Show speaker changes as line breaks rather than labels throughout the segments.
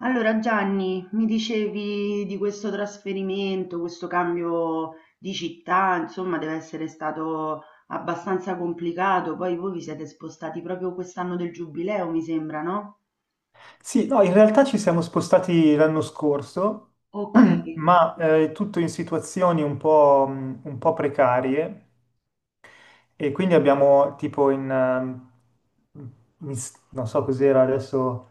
Allora Gianni, mi dicevi di questo trasferimento, questo cambio di città, insomma, deve essere stato abbastanza complicato. Poi voi vi siete spostati proprio quest'anno del Giubileo, mi sembra, no?
Sì, no, in realtà ci siamo spostati l'anno scorso,
Ok.
ma tutto in situazioni un po' precarie e quindi abbiamo tipo non so cos'era adesso,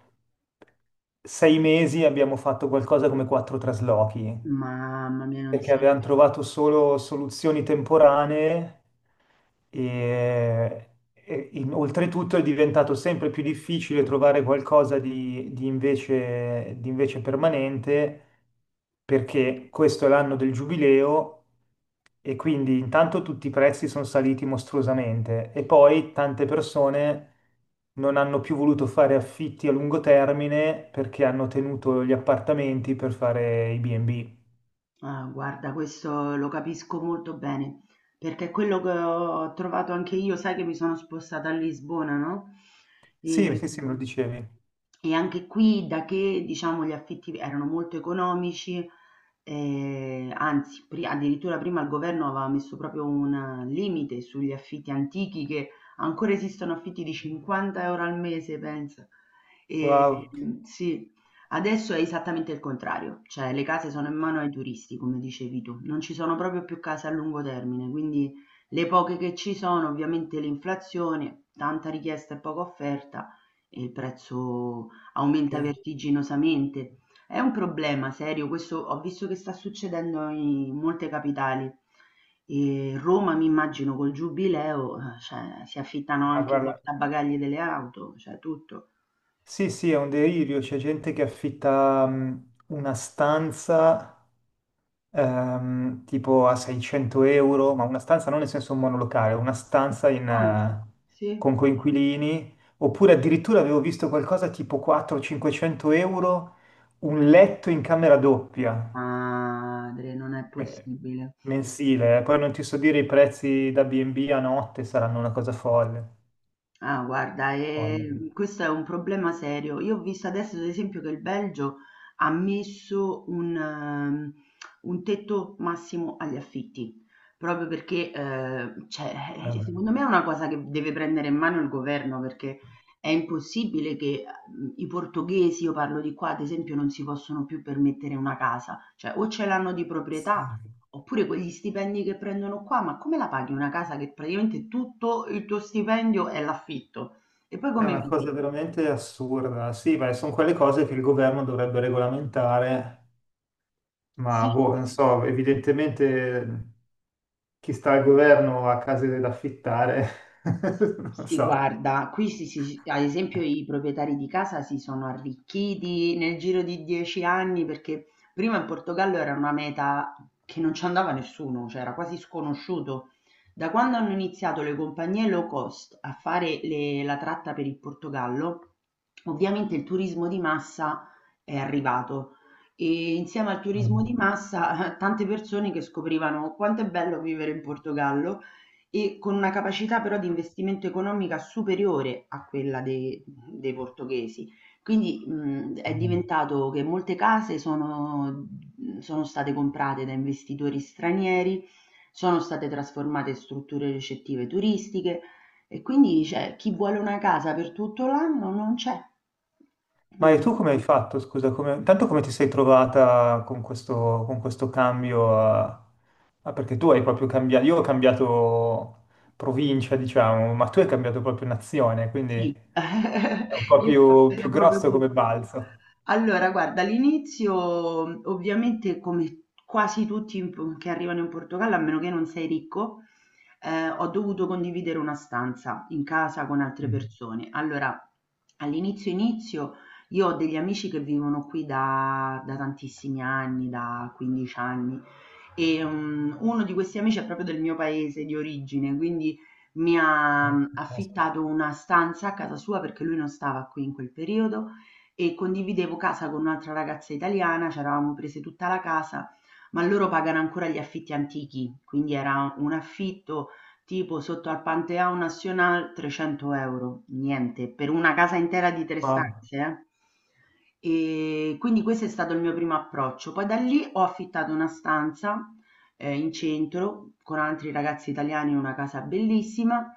6 mesi abbiamo fatto qualcosa come quattro traslochi
Mamma mia, non
perché
si.
avevano trovato solo soluzioni temporanee e, e oltretutto è diventato sempre più difficile trovare qualcosa di invece permanente perché questo è l'anno del giubileo e quindi intanto tutti i prezzi sono saliti mostruosamente e poi tante persone non hanno più voluto fare affitti a lungo termine perché hanno tenuto gli appartamenti per fare i B&B.
Ah, guarda, questo lo capisco molto bene, perché è quello che ho trovato anche io, sai che mi sono spostata a Lisbona, no?
Sì,
E,
sì, sì, me lo dicevi.
e anche qui, da che diciamo gli affitti erano molto economici, anzi, addirittura prima il governo aveva messo proprio un limite sugli affitti antichi, che ancora esistono affitti di 50 euro al mese, pensa. E,
Wow.
sì. Adesso è esattamente il contrario, cioè le case sono in mano ai turisti, come dicevi tu, non ci sono proprio più case a lungo termine, quindi le poche che ci sono, ovviamente l'inflazione, tanta richiesta e poca offerta e il prezzo aumenta
eh,
vertiginosamente. È un problema serio, questo ho visto che sta succedendo in molte capitali. E Roma, mi immagino, col giubileo, cioè, si affittano
Ma
anche i
guarda,
portabagagli delle auto, cioè tutto.
sì, sì, è un delirio. C'è gente che affitta una stanza tipo a 600 euro, ma una stanza non nel senso un monolocale, una stanza
Anzi, sì.
con coinquilini. Oppure addirittura avevo visto qualcosa tipo 400-500 euro, un letto in camera doppia,
Madre, non è
eh,
possibile.
mensile. Poi non ti so dire i prezzi da B&B a notte saranno una cosa folle.
Ah, guarda,
Folle.
questo è un problema serio. Io ho visto adesso, ad esempio, che il Belgio ha messo un tetto massimo agli affitti, proprio perché, cioè,
Eh,
secondo me è una cosa che deve prendere in mano il governo, perché è impossibile che i portoghesi, io parlo di qua, ad esempio, non si possono più permettere una casa. Cioè, o ce l'hanno di
sì.
proprietà. Oppure quegli stipendi che prendono qua, ma come la paghi una casa che praticamente tutto il tuo stipendio è l'affitto? E poi
È
come
una
vivi?
cosa veramente assurda. Sì, ma sono quelle cose che il governo dovrebbe regolamentare, ma
Sì.
boh, non so, evidentemente chi sta al governo ha case da affittare, non
Si
so.
guarda, qui ad esempio i proprietari di casa si sono arricchiti nel giro di 10 anni perché prima in Portogallo era una meta che non ci andava nessuno, cioè era quasi sconosciuto. Da quando hanno iniziato le compagnie low cost a fare la tratta per il Portogallo, ovviamente il turismo di massa è arrivato e insieme al turismo di massa tante persone che scoprivano quanto è bello vivere in Portogallo e con una capacità però di investimento economica superiore a quella de dei portoghesi. Quindi, è
Mm.
diventato che molte case sono sono state comprate da investitori stranieri, sono state trasformate in strutture ricettive turistiche e quindi, cioè, chi vuole una casa per tutto l'anno non c'è.
Ma e
Mh,
tu come hai fatto, scusa, tanto come ti sei trovata con questo cambio? Ah, perché tu hai proprio cambiato, io ho cambiato provincia, diciamo, ma tu hai cambiato proprio nazione, quindi
sì,
è un po'
io ho
più
capito proprio
grosso
tu.
come balzo.
Allora, guarda, all'inizio ovviamente come quasi tutti che arrivano in Portogallo, a meno che non sei ricco, ho dovuto condividere una stanza in casa con altre
Mhm.
persone. Allora, all'inizio inizio io ho degli amici che vivono qui da tantissimi anni, da 15 anni, e uno di questi amici è proprio del mio paese di origine, quindi mi ha
Ah, fantastico.
affittato una stanza a casa sua perché lui non stava qui in quel periodo e condividevo casa con un'altra ragazza italiana, ci eravamo prese tutta la casa, ma loro pagano ancora gli affitti antichi, quindi era un affitto tipo sotto al Pantheon National 300 euro, niente, per una casa intera di tre
Wow.
stanze, eh. E quindi questo è stato il mio primo approccio. Poi da lì ho affittato una stanza in centro con altri ragazzi italiani in una casa bellissima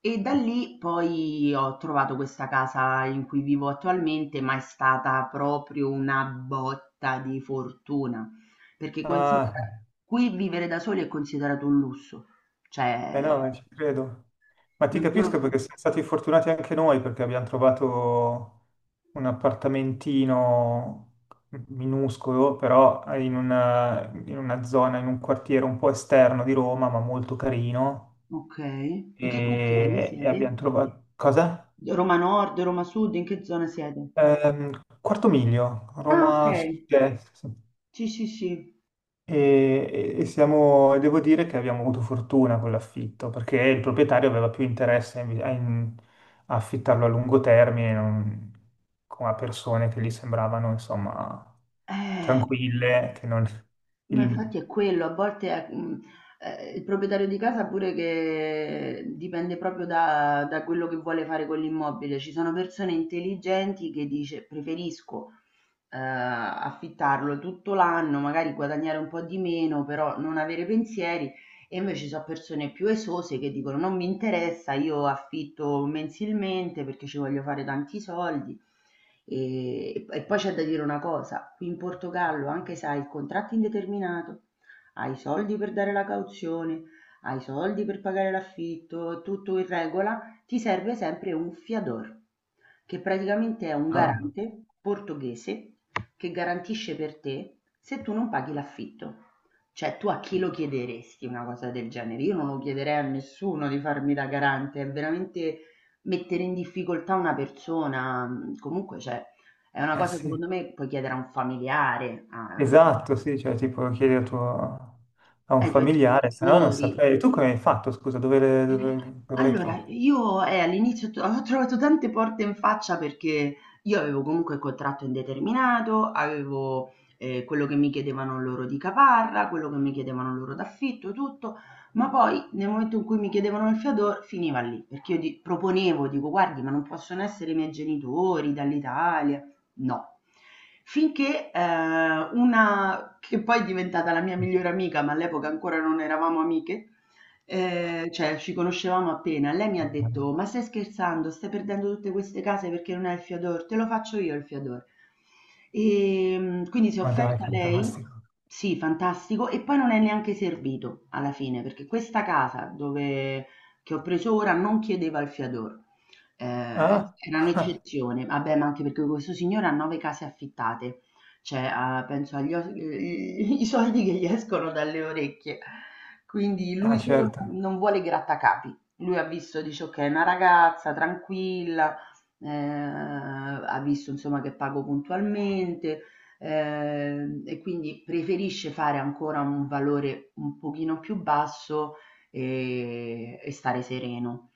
e da lì poi ho trovato questa casa in cui vivo attualmente, ma è stata proprio una botta di fortuna, perché considera,
Ah.
qui vivere da soli è considerato un lusso.
Eh
Cioè,
no, ci credo. Ma ti
non
capisco,
solo.
Perché siamo stati fortunati anche noi perché abbiamo trovato un appartamentino minuscolo, però in una zona, in un quartiere un po' esterno di Roma, ma molto carino.
Ok. In che quartiere
E
siete?
abbiamo trovato. Cosa?
Roma Nord, Roma Sud, in che zona siete?
Quarto Miglio,
Ah, ok.
Roma Sud-Est.
Sì, sì, sì.
E siamo, devo dire che abbiamo avuto fortuna con l'affitto, perché il proprietario aveva più interesse a affittarlo a lungo termine, non, a persone che gli sembravano, insomma,
Eh,
tranquille, che non...
ma
il-
infatti è quello, a volte è, il proprietario di casa pure che dipende proprio da quello che vuole fare con l'immobile. Ci sono persone intelligenti che dice preferisco affittarlo tutto l'anno, magari guadagnare un po' di meno, però non avere pensieri. E invece ci sono persone più esose che dicono non mi interessa, io affitto mensilmente perché ci voglio fare tanti soldi. E poi c'è da dire una cosa, qui in Portogallo, anche se hai il contratto indeterminato, hai i soldi per dare la cauzione, hai i soldi per pagare l'affitto, è tutto in regola, ti serve sempre un fiador che praticamente è un
ah,
garante portoghese che garantisce per te se tu non paghi l'affitto. Cioè, tu a chi lo chiederesti una cosa del genere? Io non lo chiederei a nessuno di farmi da garante, è veramente mettere in difficoltà una persona. Comunque, cioè, è una
eh
cosa
sì,
secondo me puoi chiedere a un familiare,
esatto, sì, cioè tipo chiedi a un
ai tuoi
familiare, se no non
genitori.
saprei. Tu come hai fatto, scusa, dove le trovi?
Allora, io, all'inizio t ho trovato tante porte in faccia perché io avevo comunque il contratto indeterminato, avevo, quello che mi chiedevano loro di caparra, quello che mi chiedevano loro d'affitto, tutto, ma poi nel momento in cui mi chiedevano il fiador finiva lì, perché io di proponevo, dico: "Guardi, ma non possono essere i miei genitori dall'Italia". No. Finché, una che poi è diventata la mia migliore amica, ma all'epoca ancora non eravamo amiche. Cioè ci conoscevamo appena, lei mi ha detto: "Ma stai scherzando? Stai perdendo tutte queste case perché non hai il Fiador? Te lo faccio io il Fiador". Quindi si è
Ma dai,
offerta lei.
fantastico.
Sì, fantastico, e poi non è neanche servito alla fine, perché questa casa dove che ho preso ora non chiedeva il Fiador. Ehm,
Ah?
era un'eccezione. Vabbè, ma anche perché questo signore ha 9 case affittate. Cioè, a penso agli os i soldi che gli escono dalle orecchie. Quindi
Ah,
lui solo
certo.
non vuole i grattacapi. Lui ha visto, dice: "Okay, una ragazza tranquilla, ha visto insomma che pago puntualmente, e quindi preferisce fare ancora un valore un pochino più basso, e stare sereno".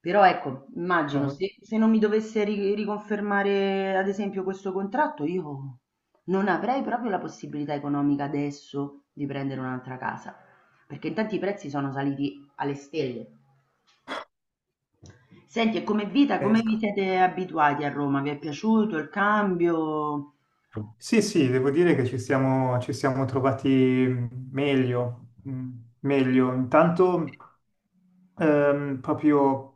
Però ecco, immagino
Ah,
se non mi dovesse ri riconfermare ad esempio questo contratto io non avrei proprio la possibilità economica adesso di prendere un'altra casa, perché intanto i prezzi sono saliti alle stelle. Senti, e come vita, come
pazzesco.
vi siete abituati a Roma? Vi è piaciuto il cambio?
Sì, sì, devo dire che ci siamo trovati meglio. Intanto, proprio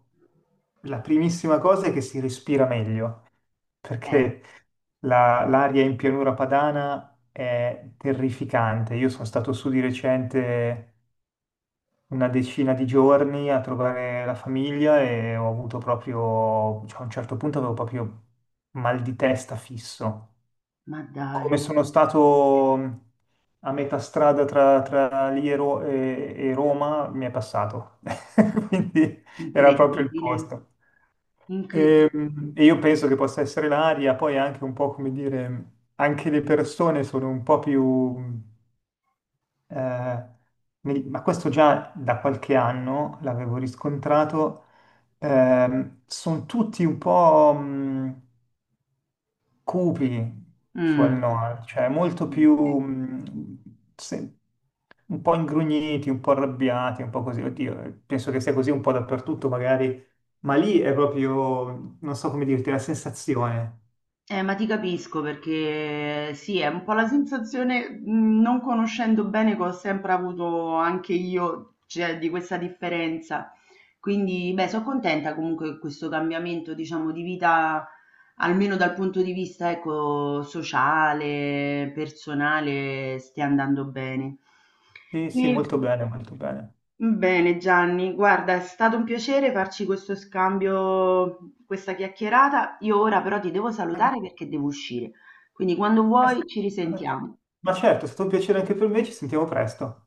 la primissima cosa è che si respira meglio,
Eh,
perché l'aria in pianura padana è terrificante. Io sono stato su di recente una decina di giorni a trovare la famiglia e ho avuto proprio, cioè, a un certo punto avevo proprio mal di testa fisso.
ma dai,
Come sono stato a metà strada tra lì e Roma, mi è passato. Quindi era proprio il
incredibile,
posto.
incredibile.
E io penso che possa essere l'aria, poi anche un po', come dire, anche le persone sono un po'... più... eh, nel- ma questo già da qualche anno l'avevo riscontrato, sono tutti un po', cupi sul
Mm,
Noir, cioè molto più
mm.
mh, se- un po' ingrugniti, un po' arrabbiati, un po' così. Oddio, penso che sia così un po' dappertutto magari, ma lì è proprio, non so come dirti, la sensazione.
Ma ti capisco perché sì, è un po' la sensazione, non conoscendo bene, che ho sempre avuto anche io, cioè, di questa differenza. Quindi, beh, sono contenta comunque che questo cambiamento, diciamo, di vita, almeno dal punto di vista, ecco, sociale, personale, stia andando bene.
Sì, sì,
E-
molto bene, molto bene.
Bene Gianni, guarda, è stato un piacere farci questo scambio, questa chiacchierata. Io ora però ti devo
Anche-
salutare perché devo uscire. Quindi quando
eh,
vuoi ci risentiamo.
Ma certo, è stato un piacere anche per me, ci sentiamo presto.